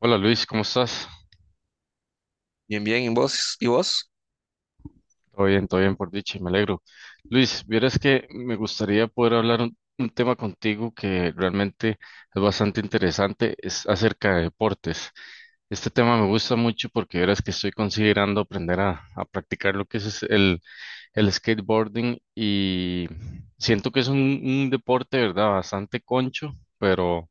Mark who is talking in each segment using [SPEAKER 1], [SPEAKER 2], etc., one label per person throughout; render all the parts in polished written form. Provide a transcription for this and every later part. [SPEAKER 1] Hola Luis, ¿cómo estás?
[SPEAKER 2] Bien, bien, ¿y vos?
[SPEAKER 1] Todo bien por dicha, me alegro. Luis, vieras que me gustaría poder hablar un tema contigo que realmente es bastante interesante, es acerca de deportes. Este tema me gusta mucho porque vieras que estoy considerando aprender a practicar lo que es el skateboarding y siento que es un deporte, ¿verdad? Bastante concho, pero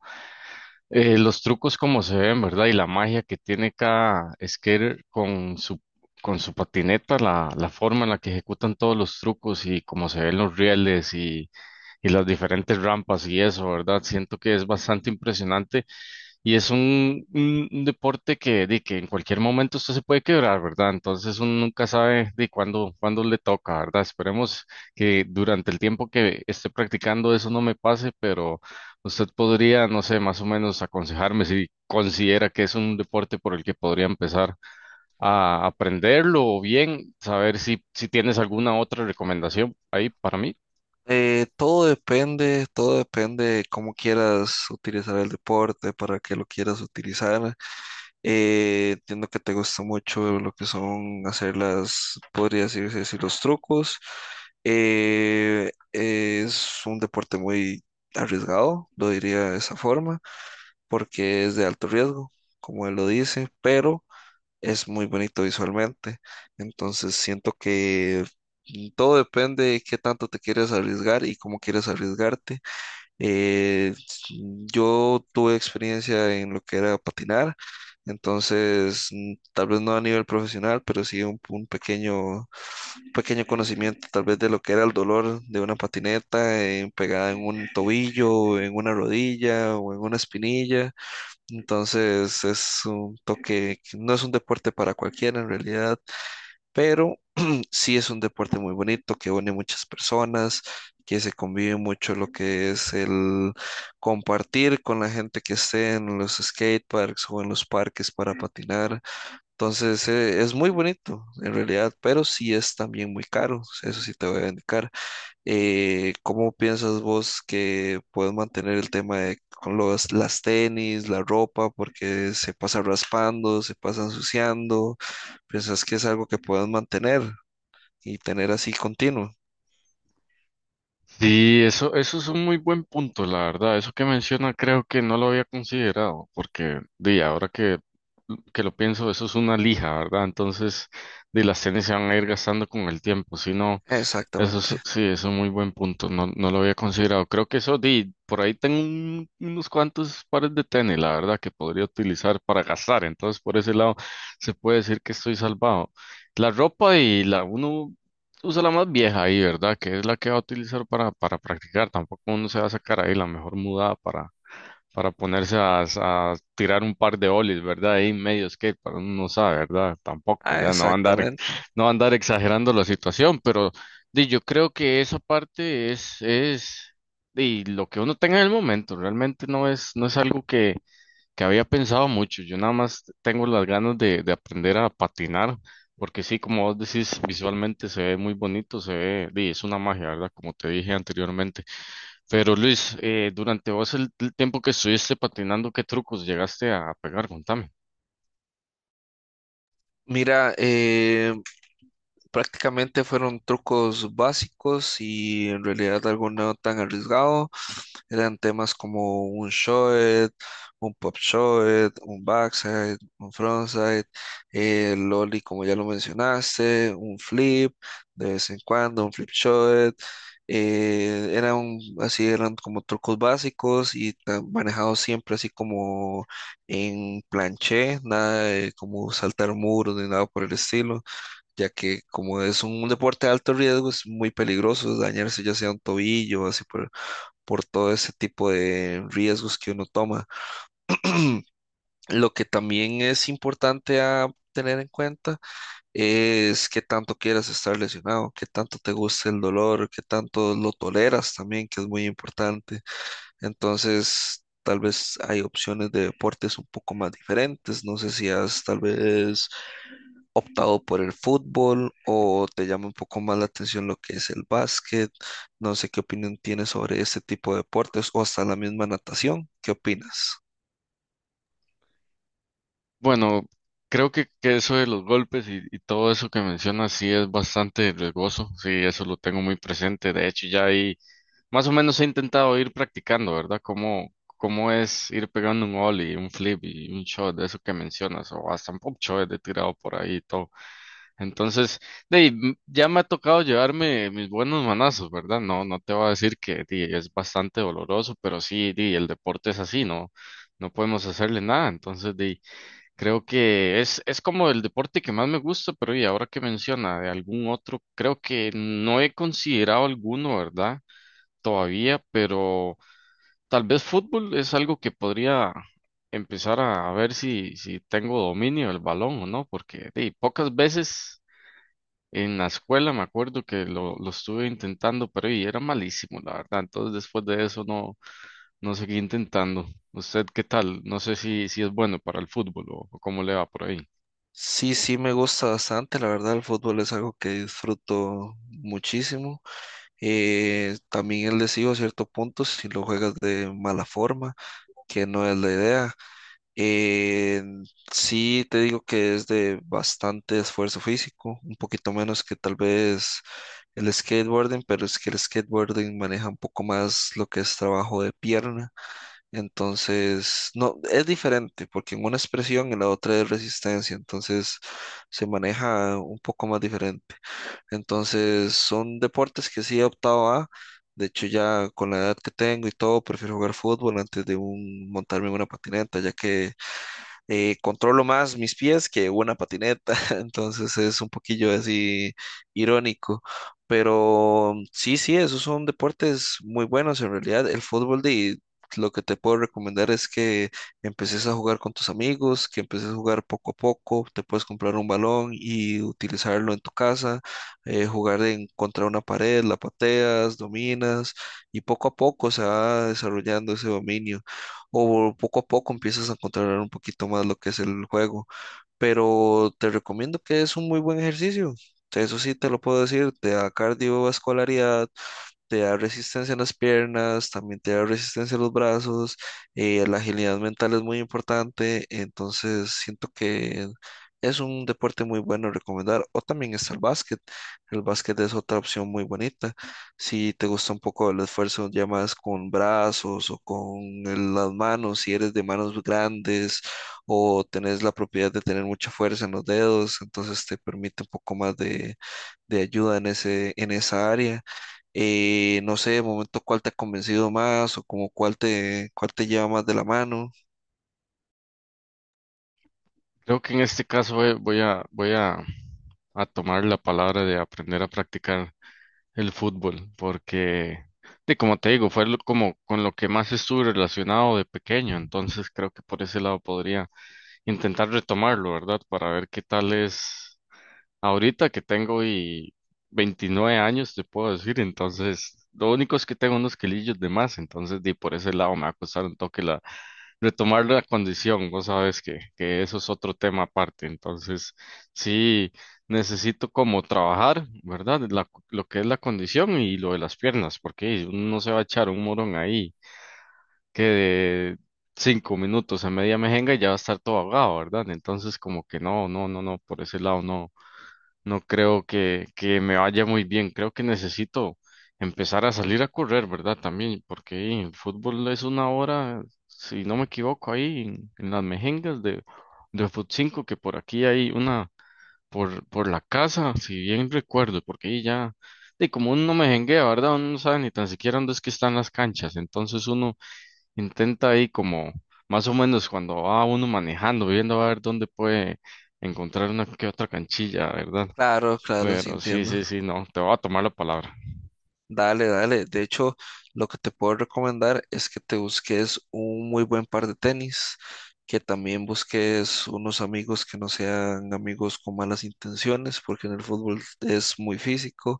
[SPEAKER 1] Los trucos como se ven, ¿verdad? Y la magia que tiene cada skater con su patineta, la forma en la que ejecutan todos los trucos y cómo se ven los rieles y las diferentes rampas y eso, ¿verdad? Siento que es bastante impresionante y es un deporte que, que en cualquier momento usted se puede quebrar, ¿verdad? Entonces uno nunca sabe de cuándo le toca, ¿verdad? Esperemos que durante el tiempo que esté practicando eso no me pase, pero usted podría, no sé, más o menos aconsejarme si considera que es un deporte por el que podría empezar a aprenderlo o bien saber si tienes alguna otra recomendación ahí para mí.
[SPEAKER 2] Todo depende de cómo quieras utilizar el deporte, para qué lo quieras utilizar. Entiendo que te gusta mucho lo que son hacer las, podría decirse así, los trucos. Es un deporte muy arriesgado, lo diría de esa forma, porque es de alto riesgo, como él lo dice, pero es muy bonito visualmente. Entonces siento que todo depende de qué tanto te quieres arriesgar y cómo quieres arriesgarte. Eh, s- yo tuve experiencia en lo que era patinar, entonces tal vez no a nivel profesional, pero sí un pequeño conocimiento tal vez de lo que era el dolor de una patineta pegada en un tobillo, en una rodilla o en una espinilla. Entonces es un toque, que no es un deporte para cualquiera en realidad, pero sí es un deporte muy bonito que une muchas personas, que se convive mucho lo que es el compartir con la gente que esté en los skate parks o en los parques para patinar. Entonces es muy bonito en realidad, pero sí es también muy caro, eso sí te voy a indicar. ¿Cómo piensas vos que puedes mantener el tema de con los, las tenis, la ropa, porque se pasa raspando, se pasa ensuciando? ¿Piensas que es algo que puedes mantener y tener así continuo?
[SPEAKER 1] Sí, eso es un muy buen punto, la verdad. Eso que menciona creo que no lo había considerado, porque di, ahora que lo pienso, eso es una lija, ¿verdad? Entonces, di, las tenis se van a ir gastando con el tiempo. Si no, eso es,
[SPEAKER 2] Exactamente.
[SPEAKER 1] sí, es un muy buen punto. No, no lo había considerado. Creo que eso, di, por ahí tengo unos cuantos pares de tenis, la verdad, que podría utilizar para gastar. Entonces, por ese lado, se puede decir que estoy salvado. La ropa y la, uno usa la más vieja ahí, ¿verdad? Que es la que va a utilizar para practicar. Tampoco uno se va a sacar ahí la mejor mudada para ponerse a tirar un par de ollies, ¿verdad? Ahí en medio skate, para uno no sabe, ¿verdad? Tampoco,
[SPEAKER 2] Ah,
[SPEAKER 1] ya
[SPEAKER 2] exactamente.
[SPEAKER 1] no va a andar exagerando la situación, pero di, yo creo que esa parte es di, lo que uno tenga en el momento, realmente no es algo que había pensado mucho. Yo nada más tengo las ganas de aprender a patinar, porque sí, como vos decís, visualmente se ve muy bonito, se ve, di, es una magia, ¿verdad? Como te dije anteriormente. Pero Luis, durante vos el tiempo que estuviste patinando, ¿qué trucos llegaste a pegar? Contame.
[SPEAKER 2] Mira, prácticamente fueron trucos básicos y en realidad algo no tan arriesgado. Eran temas como un short, un pop short, un backside, un frontside, el lolly como ya lo mencionaste, un flip de vez en cuando, un flip short. Eran así, eran como trucos básicos y manejados siempre así como en planché, nada de como saltar muros ni nada por el estilo ya que como es un deporte de alto riesgo, es muy peligroso dañarse ya sea un tobillo o así por todo ese tipo de riesgos que uno toma. Lo que también es importante a tener en cuenta es qué tanto quieras estar lesionado, qué tanto te gusta el dolor, qué tanto lo toleras también, que es muy importante. Entonces, tal vez hay opciones de deportes un poco más diferentes. No sé si has tal vez optado por el fútbol o te llama un poco más la atención lo que es el básquet. No sé qué opinión tienes sobre este tipo de deportes o hasta la misma natación. ¿Qué opinas?
[SPEAKER 1] Bueno, creo que eso de los golpes y todo eso que mencionas sí es bastante riesgoso, sí, eso lo tengo muy presente. De hecho, ya ahí más o menos he intentado ir practicando, ¿verdad? ¿Cómo es ir pegando un ollie, un flip y un shot de eso que mencionas? O hasta un pop shot de tirado por ahí y todo. Entonces, de, ahí, ya me ha tocado llevarme mis buenos manazos, ¿verdad? No, no te voy a decir que di, es bastante doloroso, pero sí, di, el deporte es así, ¿no? No podemos hacerle nada. Entonces, di, creo que es como el deporte que más me gusta, pero y ahora que menciona de algún otro, creo que no he considerado alguno, ¿verdad? Todavía, pero tal vez fútbol es algo que podría empezar a ver si, si tengo dominio del balón o no, porque di, pocas veces en la escuela me acuerdo que lo estuve intentando, pero y era malísimo, la verdad. Entonces después de eso no, no seguí intentando. ¿Usted qué tal? No sé si, si es bueno para el fútbol o cómo le va por ahí.
[SPEAKER 2] Sí, sí, me gusta bastante. La verdad, el fútbol es algo que disfruto muchísimo. También es lesivo a cierto punto si lo juegas de mala forma, que no es la idea. Eh, sí, te digo que es de bastante esfuerzo físico, un poquito menos que tal vez el skateboarding, pero es que el skateboarding maneja un poco más lo que es trabajo de pierna. Entonces, no, es diferente, porque en una es presión y la otra es resistencia, entonces se maneja un poco más diferente. Entonces, son deportes que sí he optado a. De hecho, ya con la edad que tengo y todo, prefiero jugar fútbol antes de montarme en una patineta, ya que controlo más mis pies que una patineta, entonces es un poquillo así irónico. Pero sí, sí, esos son deportes muy buenos en realidad. El fútbol de lo que te puedo recomendar es que empeces a jugar con tus amigos, que empeces a jugar poco a poco, te puedes comprar un balón y utilizarlo en tu casa, jugar en contra una pared, la pateas, dominas y poco a poco se va desarrollando ese dominio o poco a poco empiezas a controlar un poquito más lo que es el juego. Pero te recomiendo que es un muy buen ejercicio. Eso sí te lo puedo decir, te da cardiovascularidad, te da resistencia en las piernas, también te da resistencia en los brazos, la agilidad mental es muy importante, entonces siento que es un deporte muy bueno recomendar, o también está el básquet es otra opción muy bonita, si te gusta un poco el esfuerzo ya más con brazos o con las manos, si eres de manos grandes o tenés la propiedad de tener mucha fuerza en los dedos, entonces te permite un poco más de ayuda en en esa área. No sé, de momento cuál te ha convencido más o como cuál te lleva más de la mano.
[SPEAKER 1] Creo que en este caso voy a, voy a tomar la palabra de aprender a practicar el fútbol, porque, de, como te digo, fue lo- como con lo que más estuve relacionado de pequeño, entonces creo que por ese lado podría intentar retomarlo, ¿verdad? Para ver qué tal es ahorita que tengo y 29 años, te puedo decir, entonces, lo único es que tengo unos kilillos de más, entonces, de, por ese lado me va a costar un toque retomar la condición, vos sabes que eso es otro tema aparte, entonces sí necesito como trabajar, ¿verdad? Lo que es la condición y lo de las piernas, porque uno no se va a echar un morón ahí que de 5 minutos a media mejenga y ya va a estar todo ahogado, ¿verdad? Entonces como que no, no, no, no, por ese lado no. No creo que me vaya muy bien. Creo que necesito empezar a salir a correr, ¿verdad? También, porque hey, el fútbol es una hora, si no me equivoco, ahí en las mejengas de Fut 5 que por aquí hay una por la casa, si bien recuerdo, porque ahí ya, de como uno no mejenguea, ¿verdad? Uno no sabe ni tan siquiera dónde es que están las canchas. Entonces uno intenta ahí como, más o menos cuando va uno manejando, viendo a ver dónde puede encontrar una que otra canchilla, ¿verdad?
[SPEAKER 2] Claro, claro, sí
[SPEAKER 1] Pero sí,
[SPEAKER 2] entiendo.
[SPEAKER 1] sí, sí, no, te voy a tomar la palabra.
[SPEAKER 2] Dale, dale. De hecho, lo que te puedo recomendar es que te busques un muy buen par de tenis, que también busques unos amigos que no sean amigos con malas intenciones, porque en el fútbol es muy físico,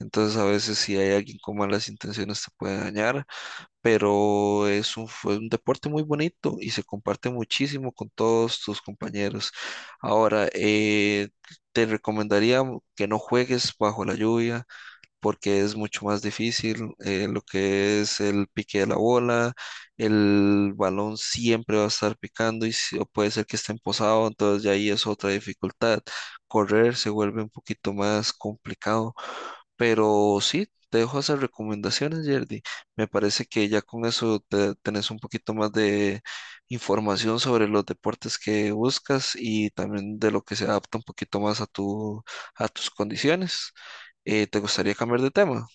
[SPEAKER 2] entonces a veces si hay alguien con malas intenciones te puede dañar. Pero es un, fue un deporte muy bonito y se comparte muchísimo con todos tus compañeros. Ahora, te recomendaría que no juegues bajo la lluvia, porque es mucho más difícil lo que es el pique de la bola, el balón siempre va a estar picando y o puede ser que esté empozado, entonces ya ahí es otra dificultad. Correr se vuelve un poquito más complicado, pero sí, te dejo esas recomendaciones, Yerdy. Me parece que ya con eso tenés un poquito más de información sobre los deportes que buscas y también de lo que se adapta un poquito más a tu, a tus condiciones. ¿Te gustaría cambiar de tema?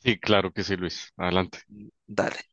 [SPEAKER 1] Sí, claro que sí, Luis. Adelante.
[SPEAKER 2] Dale.